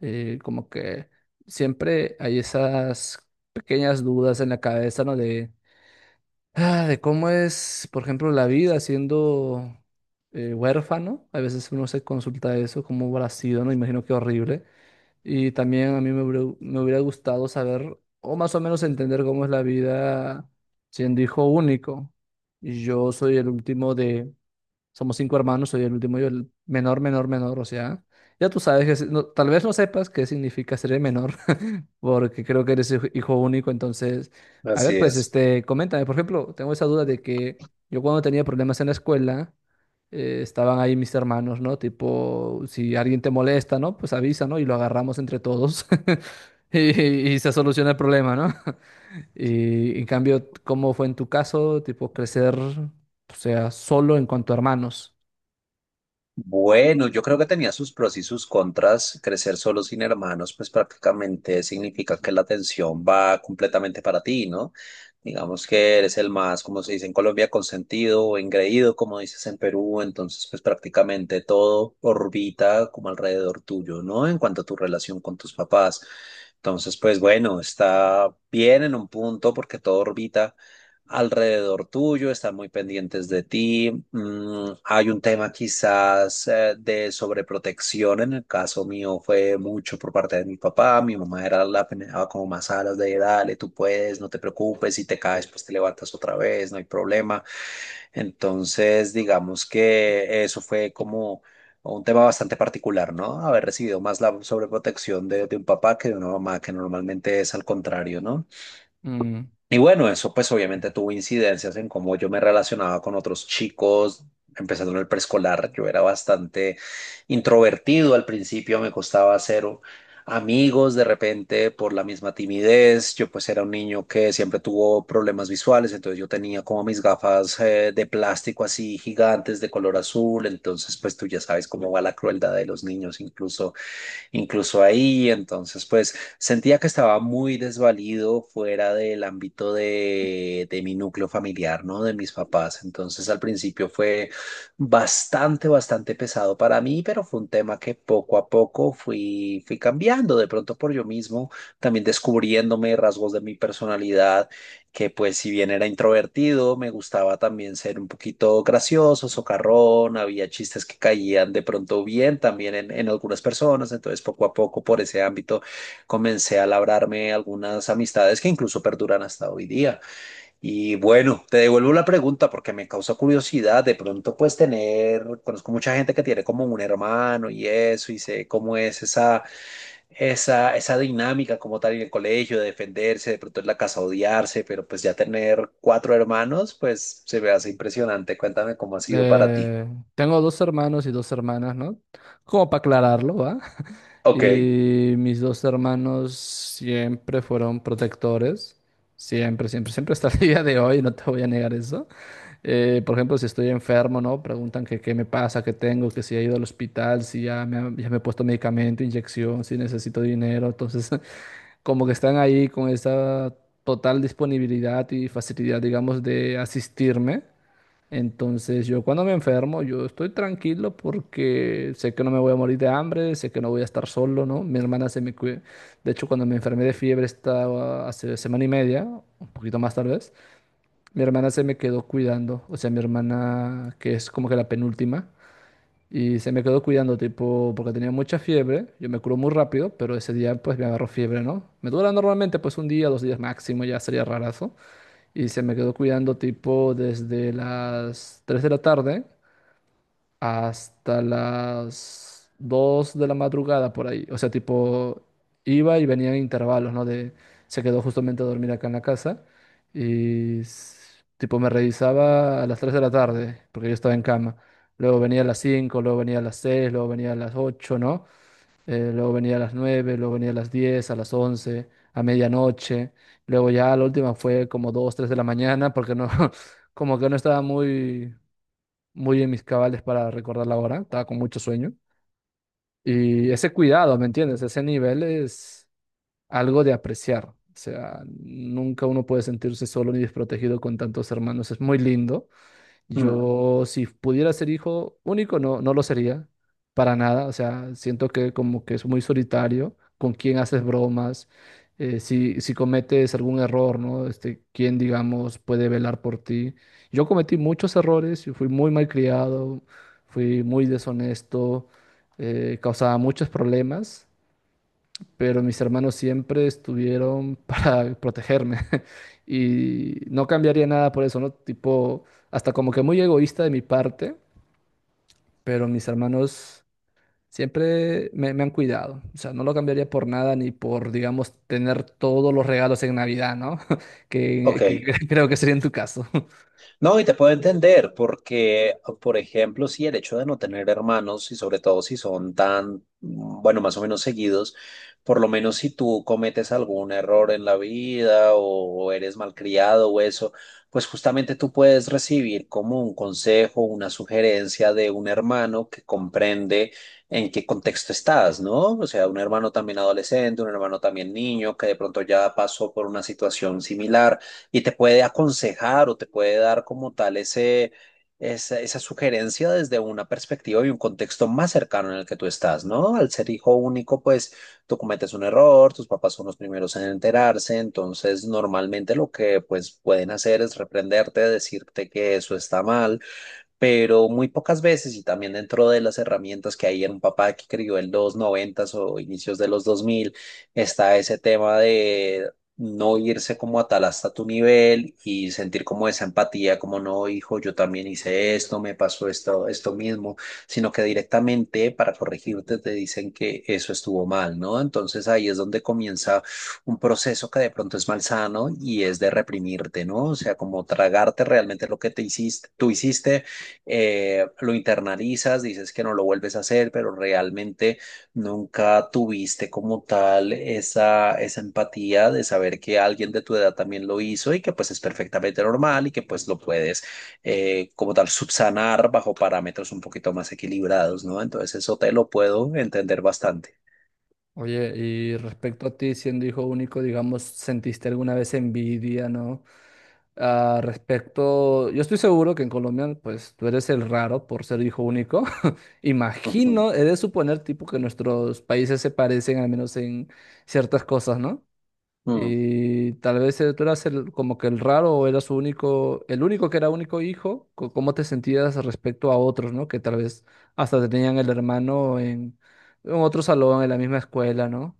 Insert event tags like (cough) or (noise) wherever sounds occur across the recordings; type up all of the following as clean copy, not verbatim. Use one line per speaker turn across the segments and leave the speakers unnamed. Como que siempre hay esas pequeñas dudas en la cabeza, ¿no? De cómo es, por ejemplo, la vida siendo huérfano. A veces uno se consulta eso, cómo habrá sido, ¿no? Imagino que horrible. Y también a mí me hubiera gustado saber, o más o menos entender cómo es la vida siendo hijo único. Y yo soy el último de. Somos cinco hermanos, soy el último, yo el menor, menor, menor, o sea, ya tú sabes que no, tal vez no sepas qué significa ser el menor, (laughs) porque creo que eres hijo único, entonces, a ver,
Así
pues,
es.
este, coméntame, por ejemplo, tengo esa duda de que yo cuando tenía problemas en la escuela, estaban ahí mis hermanos, ¿no? Tipo, si alguien te molesta, ¿no? Pues avisa, ¿no? Y lo agarramos entre todos (laughs) y, y se soluciona el problema, ¿no? (laughs) Y en cambio, ¿cómo fue en tu caso, tipo, crecer, o sea, solo en cuanto a hermanos?
Bueno, yo creo que tenía sus pros y sus contras. Crecer solo sin hermanos, pues prácticamente significa que la atención va completamente para ti, ¿no? Digamos que eres el más, como se dice en Colombia, consentido o engreído, como dices en Perú. Entonces, pues prácticamente todo orbita como alrededor tuyo, ¿no? En cuanto a tu relación con tus papás. Entonces, pues bueno, está bien en un punto porque todo orbita alrededor tuyo, están muy pendientes de ti. Mm, hay un tema quizás de sobreprotección. En el caso mío fue mucho por parte de mi papá. Mi mamá era la que me daba como más alas de dale, tú puedes, no te preocupes, si te caes, pues te levantas otra vez, no hay problema. Entonces, digamos que eso fue como un tema bastante particular, ¿no? Haber recibido más la sobreprotección de un papá que de una mamá, que normalmente es al contrario, ¿no?
Mm.
Y bueno, eso pues obviamente tuvo incidencias en cómo yo me relacionaba con otros chicos, empezando en el preescolar. Yo era bastante introvertido al principio, me costaba hacer amigos de repente por la misma timidez. Yo pues era un niño que siempre tuvo problemas visuales, entonces yo tenía como mis gafas de plástico así gigantes de color azul, entonces pues tú ya sabes cómo va la crueldad de los niños, incluso ahí. Entonces, pues sentía que estaba muy desvalido fuera del ámbito de mi núcleo familiar, ¿no? De mis papás. Entonces, al principio fue bastante, bastante pesado para mí, pero fue un tema que poco a poco fui cambiando, de pronto por yo mismo, también descubriéndome rasgos de mi personalidad que pues si bien era introvertido, me gustaba también ser un poquito gracioso, socarrón, había chistes que caían de pronto bien también en algunas personas, entonces poco a poco por ese ámbito comencé a labrarme algunas amistades que incluso perduran hasta hoy día. Y bueno, te devuelvo la pregunta porque me causa curiosidad, de pronto pues tener, conozco mucha gente que tiene como un hermano y eso, y sé cómo es esa dinámica como tal en el colegio, de defenderse, de pronto en la casa odiarse, pero pues ya tener cuatro hermanos, pues se me hace impresionante. Cuéntame cómo ha sido para ti.
eh, Tengo dos hermanos y dos hermanas, ¿no? Como para aclararlo, ¿va? (laughs)
Ok.
Y mis dos hermanos siempre fueron protectores, siempre, siempre, siempre hasta el (laughs) día de hoy, no te voy a negar eso. Por ejemplo, si estoy enfermo, ¿no? Preguntan que qué me pasa, qué tengo, que si he ido al hospital, si ya me he puesto medicamento, inyección, si necesito dinero. Entonces, (laughs) como que están ahí con esa total disponibilidad y facilidad, digamos, de asistirme. Entonces yo cuando me enfermo, yo estoy tranquilo porque sé que no me voy a morir de hambre, sé que no voy a estar solo, ¿no? Mi hermana se me cuida. De hecho, cuando me enfermé de fiebre estaba hace semana y media, un poquito más tal vez, mi hermana se me quedó cuidando, o sea, mi hermana que es como que la penúltima, y se me quedó cuidando tipo porque tenía mucha fiebre, yo me curo muy rápido, pero ese día pues me agarró fiebre, ¿no? Me dura normalmente pues un día, 2 días máximo, ya sería rarazo y se me quedó cuidando tipo desde las 3 de la tarde hasta las 2 de la madrugada por ahí. O sea, tipo iba y venía en intervalos, ¿no? De, se quedó justamente a dormir acá en la casa y tipo me revisaba a las 3 de la tarde porque yo estaba en cama. Luego venía a las 5, luego venía a las 6, luego venía a las 8, ¿no? Luego venía a las 9, luego venía a las 10, a las 11, a medianoche, luego ya la última fue como 2 3 de la mañana, porque no, (laughs) como que no estaba muy, muy en mis cabales para recordar la hora, estaba con mucho sueño. Y ese cuidado, ¿me entiendes? Ese nivel es algo de apreciar. O sea, nunca uno puede sentirse solo ni desprotegido con tantos hermanos. Es muy lindo.
Mm,
Yo, si pudiera ser hijo único, no, no lo sería, para nada. O sea, siento que como que es muy solitario, con quién haces bromas, si, si cometes algún error, ¿no? Este, quién, digamos, puede velar por ti. Yo cometí muchos errores, yo fui muy mal criado, fui muy deshonesto, causaba muchos problemas, pero mis hermanos siempre estuvieron (laughs) para protegerme (laughs) y no cambiaría nada por eso, ¿no? Tipo, hasta como que muy egoísta de mi parte, pero mis hermanos siempre me han cuidado, o sea, no lo cambiaría por nada ni por, digamos, tener todos los regalos en Navidad, ¿no? (laughs)
ok.
Que (laughs) creo que sería en tu caso. (laughs)
No, y te puedo entender, porque, por ejemplo, sí, el hecho de no tener hermanos, y sobre todo si son tan, bueno, más o menos seguidos, por lo menos si tú cometes algún error en la vida o eres malcriado o eso, pues justamente tú puedes recibir como un consejo, una sugerencia de un hermano que comprende en qué contexto estás, ¿no? O sea, un hermano también adolescente, un hermano también niño, que de pronto ya pasó por una situación similar y te puede aconsejar o te puede dar como tal ese, esa sugerencia desde una perspectiva y un contexto más cercano en el que tú estás, ¿no? Al ser hijo único, pues tú cometes un error, tus papás son los primeros en enterarse, entonces normalmente lo que pues pueden hacer es reprenderte, decirte que eso está mal, pero muy pocas veces, y también dentro de las herramientas que hay en un papá que crió en los noventas o inicios de los 2000 está ese tema de no irse como a tal hasta tu nivel y sentir como esa empatía, como no, hijo, yo también hice esto, me pasó esto, esto mismo, sino que directamente para corregirte te dicen que eso estuvo mal, ¿no? Entonces ahí es donde comienza un proceso que de pronto es malsano y es de reprimirte, ¿no? O sea, como tragarte realmente lo que te hiciste, tú hiciste, lo internalizas, dices que no lo vuelves a hacer, pero realmente nunca tuviste como tal esa, esa empatía de saber que alguien de tu edad también lo hizo y que pues es perfectamente normal y que pues lo puedes como tal subsanar bajo parámetros un poquito más equilibrados, ¿no? Entonces eso te lo puedo entender bastante.
Oye, y respecto a ti siendo hijo único, digamos, ¿sentiste alguna vez envidia?, ¿no? Ah, respecto, yo estoy seguro que en Colombia, pues tú eres el raro por ser hijo único. (laughs)
Ujú.
Imagino, he de suponer, tipo, que nuestros países se parecen al menos en ciertas cosas, ¿no?
Mm.
Y tal vez tú eras el, como que el raro o eras único, el único que era único hijo, ¿cómo te sentías respecto a otros?, ¿no? Que tal vez hasta tenían el hermano en otro salón, en la misma escuela, ¿no?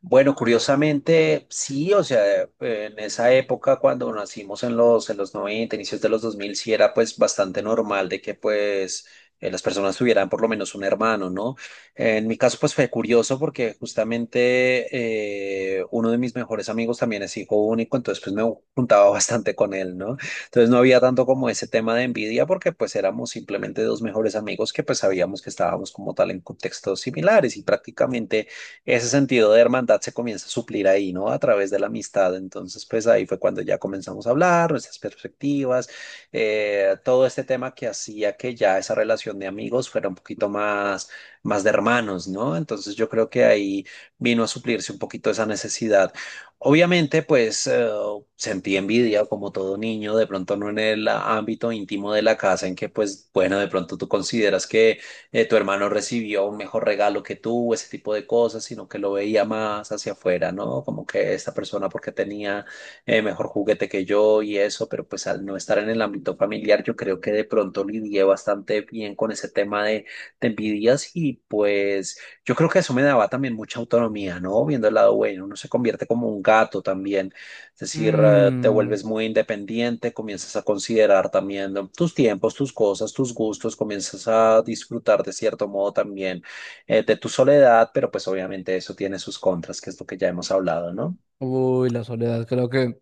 Bueno, curiosamente, sí, o sea, en esa época cuando nacimos en los 90, inicios de los 2000, sí era pues bastante normal de que pues las personas tuvieran por lo menos un hermano, ¿no? En mi caso pues fue curioso porque justamente uno de mis mejores amigos también es hijo único, entonces pues me juntaba (laughs) bastante con él, ¿no? Entonces no había tanto como ese tema de envidia porque pues éramos simplemente dos mejores amigos que pues sabíamos que estábamos como tal en contextos similares y prácticamente ese sentido de hermandad se comienza a suplir ahí, ¿no? A través de la amistad. Entonces, pues ahí fue cuando ya comenzamos a hablar, nuestras perspectivas, todo este tema que hacía que ya esa relación de amigos fuera un poquito más, más de hermanos, ¿no? Entonces, yo creo que ahí vino a suplirse un poquito esa necesidad. Obviamente, pues sentí envidia como todo niño, de pronto no en el ámbito íntimo de la casa, en que pues bueno, de pronto tú consideras que tu hermano recibió un mejor regalo que tú, ese tipo de cosas, sino que lo veía más hacia afuera, ¿no? Como que esta persona porque tenía, mejor juguete que yo y eso, pero pues al no estar en el ámbito familiar, yo creo que de pronto lidié bastante bien con ese tema de envidias y pues yo creo que eso me daba también mucha autonomía, ¿no? Viendo el lado bueno, uno se convierte como un gato también. Es decir, te
Mm.
vuelves muy independiente, comienzas a considerar también, ¿no? Tus tiempos, tus cosas, tus gustos, comienzas a disfrutar de cierto modo también, de tu soledad, pero pues obviamente eso tiene sus contras, que es lo que ya hemos hablado, ¿no?
Uy, la soledad, creo que.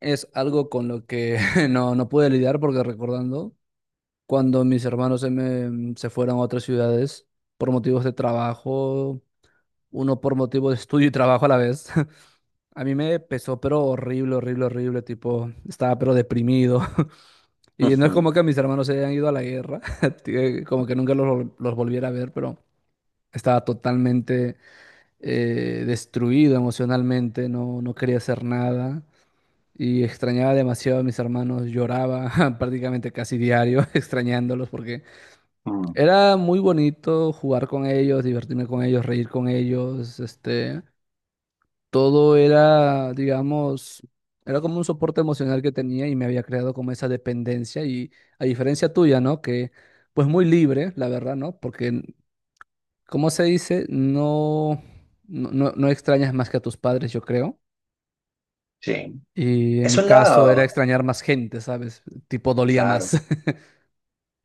Es algo con lo que (laughs) no, no pude lidiar porque recordando, cuando mis hermanos se fueron a otras ciudades por motivos de trabajo, uno por motivo de estudio y trabajo a la vez, (laughs) a mí me pesó, pero horrible, horrible, horrible, tipo, estaba pero deprimido. (laughs) Y no es
Ujú,
como que mis hermanos se hayan ido a la guerra, (laughs) que como que nunca los volviera a ver, pero estaba totalmente destruido emocionalmente, no, no quería hacer nada. Y extrañaba demasiado a mis hermanos, lloraba (laughs) prácticamente casi diario (laughs) extrañándolos porque
mm,
era muy bonito jugar con ellos, divertirme con ellos, reír con ellos, este, todo era, digamos, era como un soporte emocional que tenía y me había creado como esa dependencia y a diferencia tuya, ¿no? Que pues muy libre, la verdad, ¿no? Porque, ¿como se dice? No, no, no, no extrañas más que a tus padres, yo creo.
sí.
Y en mi
Eso es
caso era
la...
extrañar más gente, ¿sabes? Tipo, dolía más.
Claro.
(laughs)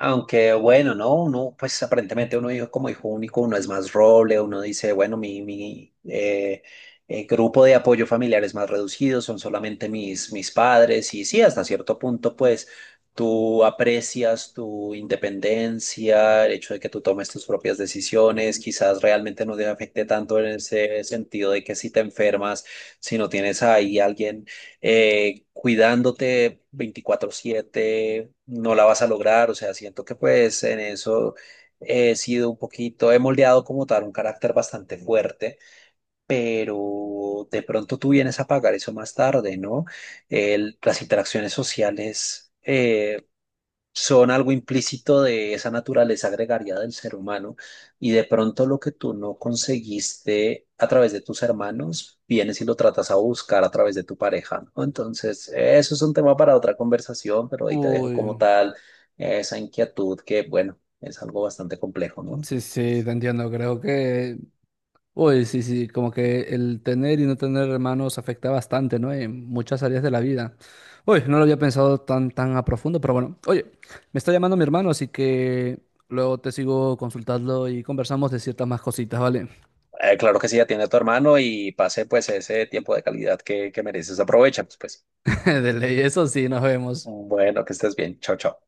Aunque bueno, no, uno, pues aparentemente uno dijo como hijo único, uno es más roble, uno dice, bueno, mi grupo de apoyo familiar es más reducido, son solamente mis padres, y sí, hasta cierto punto, pues tú aprecias tu independencia, el hecho de que tú tomes tus propias decisiones, quizás realmente no te afecte tanto en ese sentido de que si te enfermas, si no tienes ahí alguien cuidándote 24/7, no la vas a lograr. O sea, siento que pues en eso he sido un poquito, he moldeado como tal un carácter bastante fuerte, pero de pronto tú vienes a pagar eso más tarde, ¿no? El- las interacciones sociales son algo implícito de esa naturaleza gregaria del ser humano y de pronto lo que tú no conseguiste a través de tus hermanos, vienes y lo tratas a buscar a través de tu pareja, ¿no? Entonces, eso es un tema para otra conversación, pero ahí te dejo como
Uy,
tal esa inquietud que, bueno, es algo bastante complejo, ¿no?
sí, sí, te entiendo, creo que... Uy, sí, sí, como que el tener y no tener hermanos afecta bastante, ¿no? En muchas áreas de la vida. Uy, no lo había pensado tan, tan a profundo, pero bueno. Oye, me está llamando mi hermano, así que luego te sigo consultando y conversamos de ciertas más cositas, ¿vale?
Claro que sí, atiende a tu hermano y pase pues ese tiempo de calidad que mereces, aprovecha, pues, pues.
(laughs) De ley, eso sí, nos vemos.
Bueno, que estés bien, chao, chao.